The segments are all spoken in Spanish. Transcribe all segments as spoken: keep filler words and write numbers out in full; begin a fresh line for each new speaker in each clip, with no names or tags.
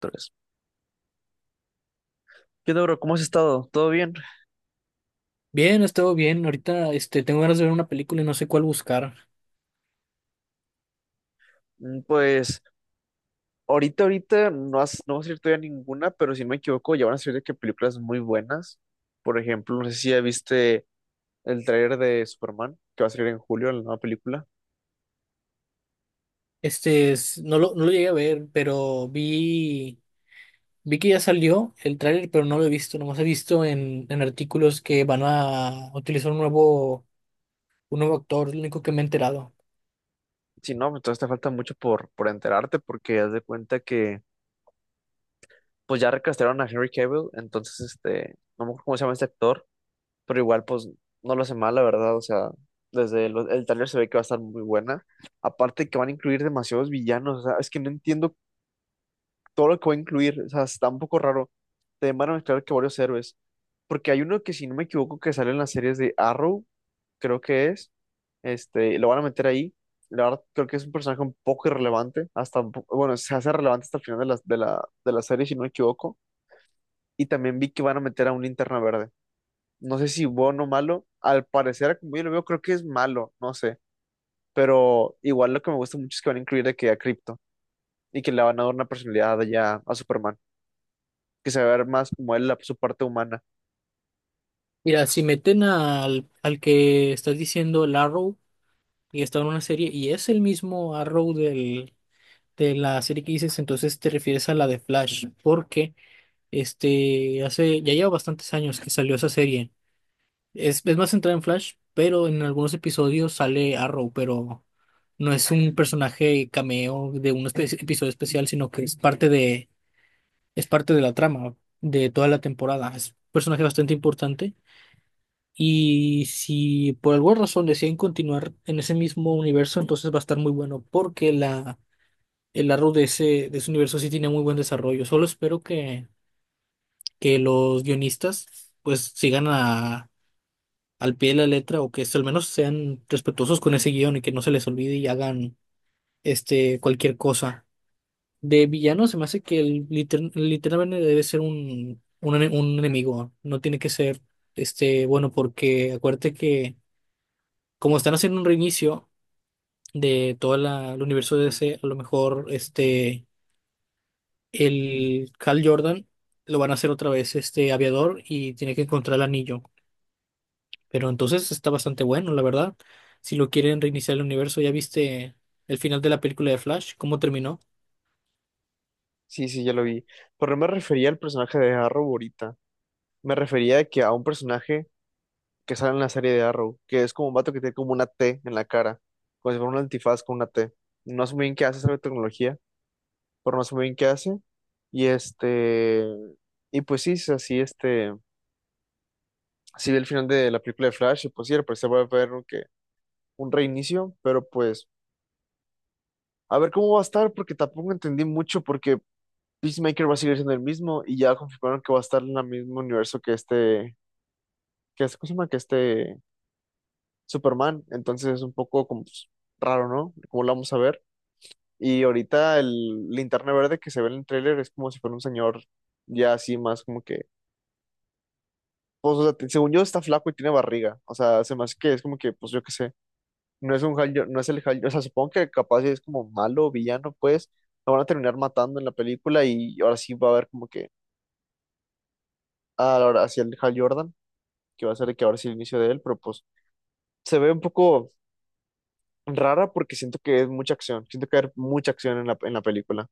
Tres. ¿Qué onda, bro? ¿Cómo has estado? ¿Todo bien?
Bien, he estado bien. Ahorita, este, tengo ganas de ver una película y no sé cuál buscar.
Mm, Pues ahorita, ahorita no, has, no va a salir todavía ninguna, pero si no me equivoco, ya van a salir de que películas muy buenas. Por ejemplo, no sé si ya viste el tráiler de Superman, que va a salir en julio, la nueva película.
Este, es- no lo, no lo llegué a ver, pero vi, vi que ya salió el tráiler, pero no lo he visto. Nomás he visto en, en artículos que van a utilizar un nuevo, un nuevo actor, es lo único que me he enterado.
Si no, pues todavía te falta mucho por, por enterarte, porque haz de cuenta que pues ya recastraron a Henry Cavill, entonces este, no me acuerdo cómo se llama este actor, pero igual pues no lo hace mal, la verdad, o sea, desde el, el tráiler se ve que va a estar muy buena. Aparte que van a incluir demasiados villanos, o sea, es que no entiendo todo lo que va a incluir, o sea, está un poco raro. Te van a mezclar que varios héroes, porque hay uno que si no me equivoco que sale en las series de Arrow, creo que es, este, lo van a meter ahí. La verdad, creo que es un personaje un poco irrelevante, hasta, un po- bueno, se hace relevante hasta el final de la, de la, de la serie, si no me equivoco. Y también vi que van a meter a un linterna verde, no sé si bueno o malo, al parecer, como yo lo veo, creo que es malo, no sé, pero igual lo que me gusta mucho es que van a incluir de que a Crypto y que le van a dar una personalidad ya a Superman, que se va a ver más como él, la, su parte humana.
Mira, si meten al, al que estás diciendo, el Arrow, y está en una serie, y es el mismo Arrow del, de la serie que dices, entonces te refieres a la de Flash, porque este, hace, ya lleva bastantes años que salió esa serie. Es, es más centrada en Flash, pero en algunos episodios sale Arrow, pero no es un personaje cameo de un espe- episodio especial, sino que es parte de, es parte de la trama de toda la temporada. Es un personaje bastante importante. Y si por alguna razón deciden continuar en ese mismo universo, entonces va a estar muy bueno, porque la, el Arrow de ese, de ese universo sí tiene muy buen desarrollo. Solo espero que, que los guionistas pues sigan al pie de la letra o que es- al menos sean respetuosos con ese guión y que no se les olvide y hagan este cualquier cosa. De villano se me hace que el liter- literalmente debe ser un, un, ene- un enemigo, no tiene que ser este bueno porque acuérdate que como están haciendo un reinicio de todo el universo de D C, a lo mejor este el Hal Jordan lo van a hacer otra vez este aviador y tiene que encontrar el anillo. Pero entonces está bastante bueno, la verdad. Si lo quieren reiniciar el universo, ¿ya viste el final de la película de Flash? ¿Cómo terminó?
Sí, sí, ya lo vi, pero no me refería al personaje de Arrow ahorita, me refería de que a un personaje que sale en la serie de Arrow, que es como un vato que tiene como una T en la cara, como si fuera un antifaz con una T. No sé muy bien qué hace esa tecnología, pero no sé muy bien qué hace. Y este, y pues sí, es así, este, sí vi el final de la película de Flash y pues sí, al parecer va a haber un, que- un reinicio, pero pues a ver cómo va a estar porque tampoco entendí mucho porque Peacemaker va a seguir siendo el mismo y ya confirmaron que va a estar en el mismo universo que este, que este, ¿cómo se llama? Que este Superman, entonces es un poco como pues, raro, ¿no? ¿Cómo lo vamos a ver? Y ahorita el linterna verde que se ve en el tráiler es como si fuera un señor ya así más como que, pues o sea, según yo está flaco y tiene barriga, o sea, se me hace que es como que, pues yo qué sé. No es un Hal, Jor- no es el Hal, o sea, supongo que capaz si es como malo o villano, pues lo van a terminar matando en la película y ahora sí va a haber como que, ah, ahora hacia el Hal Jordan, que va a ser el que ahora sí el inicio de él, pero pues se ve un poco rara porque siento que es mucha acción, siento que hay mucha acción en la, en la película.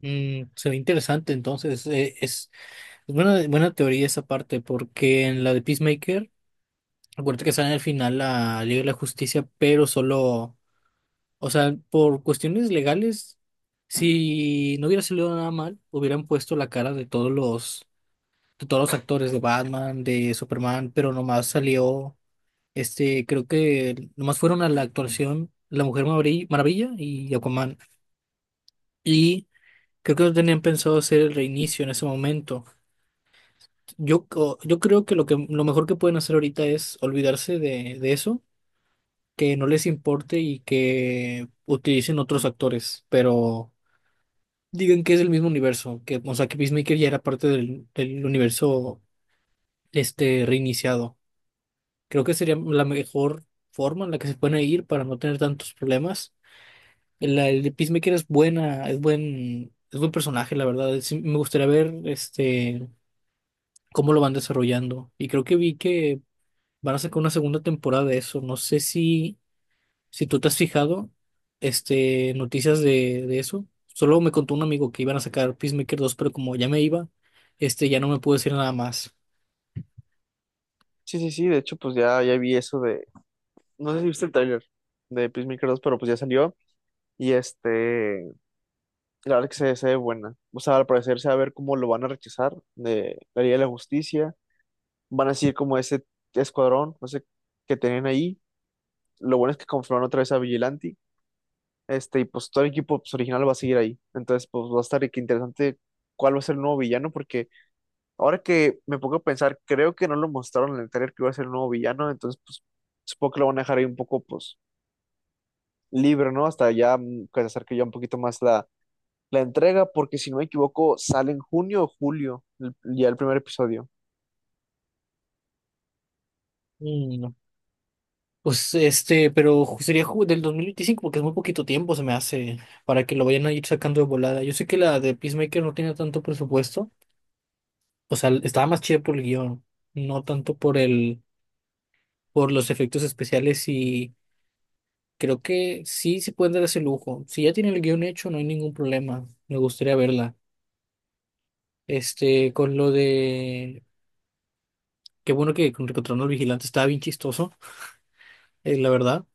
Mm, se ve interesante, entonces eh, es, es buena, buena teoría esa parte, porque en la de Peacemaker, acuérdate que sale en el final la Liga de la Justicia, pero solo, o sea, por cuestiones legales, si no hubiera salido nada mal, hubieran puesto la cara de todos los, de todos los actores de Batman, de Superman, pero nomás salió. Este, creo que nomás fueron a la actuación La Mujer Maveri- Maravilla y Aquaman. Y creo que no tenían pensado hacer el reinicio en ese momento. Yo, co- yo creo que lo que lo mejor que pueden hacer ahorita es olvidarse de, de eso, que no les importe y que utilicen otros actores, pero digan que es el mismo universo, que, o sea, que Peacemaker ya era parte del, del universo este reiniciado. Creo que sería la mejor forma en la que se pueden ir para no tener tantos problemas. La, el de Peacemaker es buena, es buen, es buen personaje, la verdad. Sí, me gustaría ver este cómo lo van desarrollando. Y creo que vi que van a sacar una segunda temporada de eso. No sé si, si tú te has fijado, este, noticias de, de eso. Solo me contó un amigo que iban a sacar Peacemaker dos pero como ya me iba, este, ya no me pude decir nada más.
Sí, sí, sí, de hecho pues ya, ya vi eso de, no sé si viste el trailer de Peacemaker dos pero pues ya salió y este, la verdad que se, se ve buena, o sea, al parecer se va a ver cómo lo van a rechazar de la Liga de la Justicia, van a seguir como ese escuadrón, no sé, que tenían ahí. Lo bueno es que conformaron otra vez a Vigilante, este, y pues todo el equipo pues, original va a seguir ahí. Entonces, pues va a estar de que interesante cuál va a ser el nuevo villano, porque ahora que me pongo a pensar, creo que no lo mostraron en el trailer que iba a ser el nuevo villano, entonces, pues supongo que lo van a dejar ahí un poco, pues, libre, ¿no? Hasta ya, mm, que se acerque ya un poquito más la, la entrega, porque si no me equivoco, sale en junio o julio, el- ya el primer episodio.
Mm, Pues este, pero sería ju- del dos mil veinticinco porque es muy poquito tiempo, se me hace, para que lo vayan a ir sacando de volada. Yo sé que la de Peacemaker no tiene tanto presupuesto, o sea, estaba más chida por el guión, no tanto por el, por los efectos especiales y creo que sí se pueden dar ese lujo. Si ya tienen el guión hecho, no hay ningún problema. Me gustaría verla. Este, con lo de, Qué bueno que con Encontrando al Vigilante estaba bien chistoso, eh, la verdad.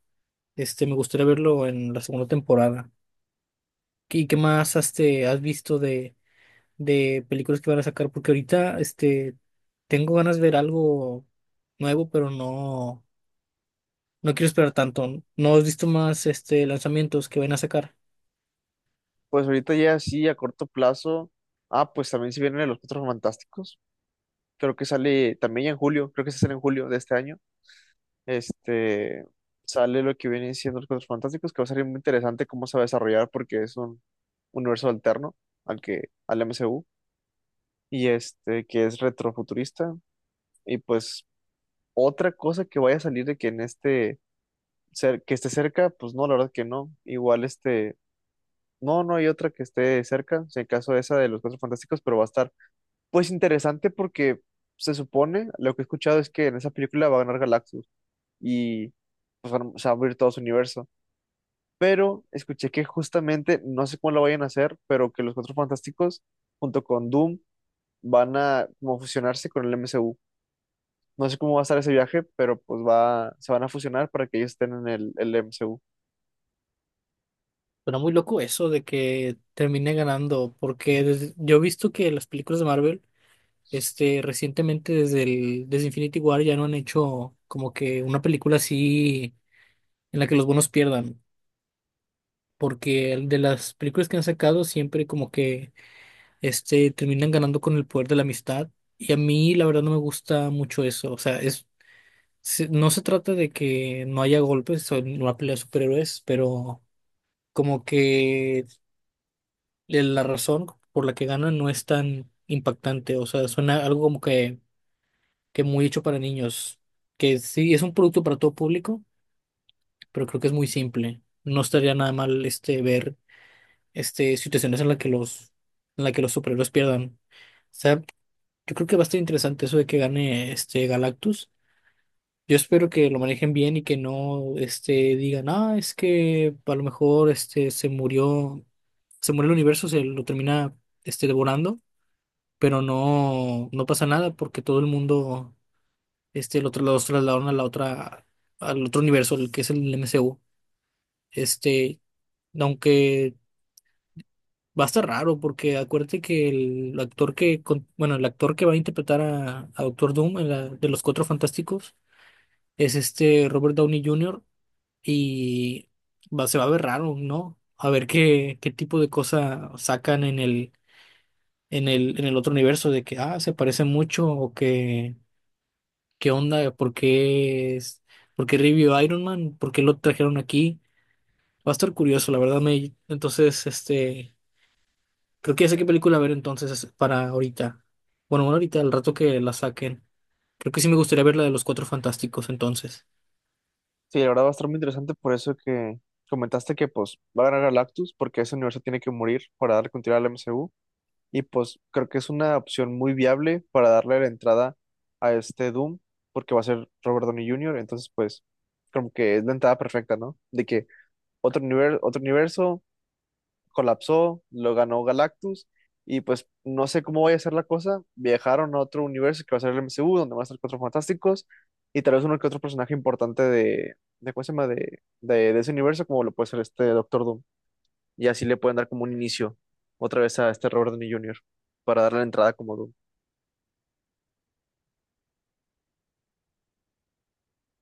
Este, me gustaría verlo en la segunda temporada. ¿Y qué más has, este, has visto de, de películas que van a sacar? Porque ahorita este, tengo ganas de ver algo nuevo, pero no, no quiero esperar tanto. ¿No has visto más este, lanzamientos que van a sacar?
Pues ahorita ya sí, a corto plazo. Ah, pues también se vienen los Cuatro Fantásticos. Creo que sale también ya en julio, creo que se sale en julio de este año. Este, sale lo que viene siendo los Cuatro Fantásticos, que va a ser muy interesante cómo se va a desarrollar porque es un universo alterno al que, al M C U, y este, que es retrofuturista. Y pues otra cosa que vaya a salir de que en este, cer- que esté cerca, pues no, la verdad que no. Igual este, no, no hay otra que esté cerca, si en caso esa de los Cuatro Fantásticos, pero va a estar pues interesante porque se supone, lo que he escuchado es que en esa película va a ganar Galactus y pues, van- se va a abrir todo su universo. Pero escuché que justamente, no sé cómo lo vayan a hacer, pero que los Cuatro Fantásticos junto con Doom van a como fusionarse con el M C U. No sé cómo va a estar ese viaje, pero pues va, se van a fusionar para que ellos estén en el, el M C U.
Pero muy loco eso de que termine ganando, porque desde- yo he visto que las películas de Marvel, este, recientemente desde el, desde Infinity War ya no han hecho como que una película así en la que los buenos pierdan, porque el de las películas que han sacado siempre como que este, terminan ganando con el poder de la amistad. Y a mí, la verdad, no me gusta mucho eso. O sea, es, se- no se trata de que no haya golpes o una pelea de superhéroes, pero como que la razón por la que ganan no es tan impactante. O sea, suena algo como que, que muy hecho para niños. Que sí, es un producto para todo público, pero creo que es muy simple. No estaría nada mal este, ver este, situaciones en las que los, en la que los superhéroes pierdan. O sea, yo creo que va a estar interesante eso de que gane este Galactus. Yo espero que lo manejen bien y que no este, digan, ah, es que a lo mejor este, se murió, se murió el universo, se lo termina este, devorando, pero no, no pasa nada porque todo el mundo este, lo, tra- los trasladaron a la otra, al otro universo, el que es el M C U. Este, Aunque va a estar raro porque acuérdate que el actor que, con- bueno, el actor que va a interpretar a, a Doctor Doom, en la- de los Cuatro Fantásticos, es este Robert Downey Junior y va, se va a ver raro, ¿no? A ver qué, qué tipo de cosa sacan en el, en el, en el otro universo de que, ah, se parece mucho o que, qué onda, por qué es, por qué revivió Iron Man, por qué lo trajeron aquí. Va a estar curioso, la verdad me, entonces, este, creo que ya sé qué película ver entonces para ahorita. Bueno, bueno, ahorita, al rato que la saquen. Creo que sí me gustaría ver la de los Cuatro Fantásticos entonces.
Sí, la verdad va a estar muy interesante por eso que comentaste que pues va a ganar Galactus porque ese universo tiene que morir para dar continuidad al M C U. Y pues creo que es una opción muy viable para darle la entrada a este Doom, porque va a ser Robert Downey júnior, entonces pues como que es la entrada perfecta, ¿no? De que otro universo, otro universo colapsó, lo ganó Galactus, y pues no sé cómo vaya a ser la cosa, viajaron a otro universo que va a ser el M C U, donde van a estar cuatro fantásticos, y tal vez uno que otro personaje importante de, de ¿cómo se llama? De, de, de ese universo, como lo puede ser este Doctor Doom y así le pueden dar como un inicio otra vez a este Robert Downey júnior para darle la entrada como Doom.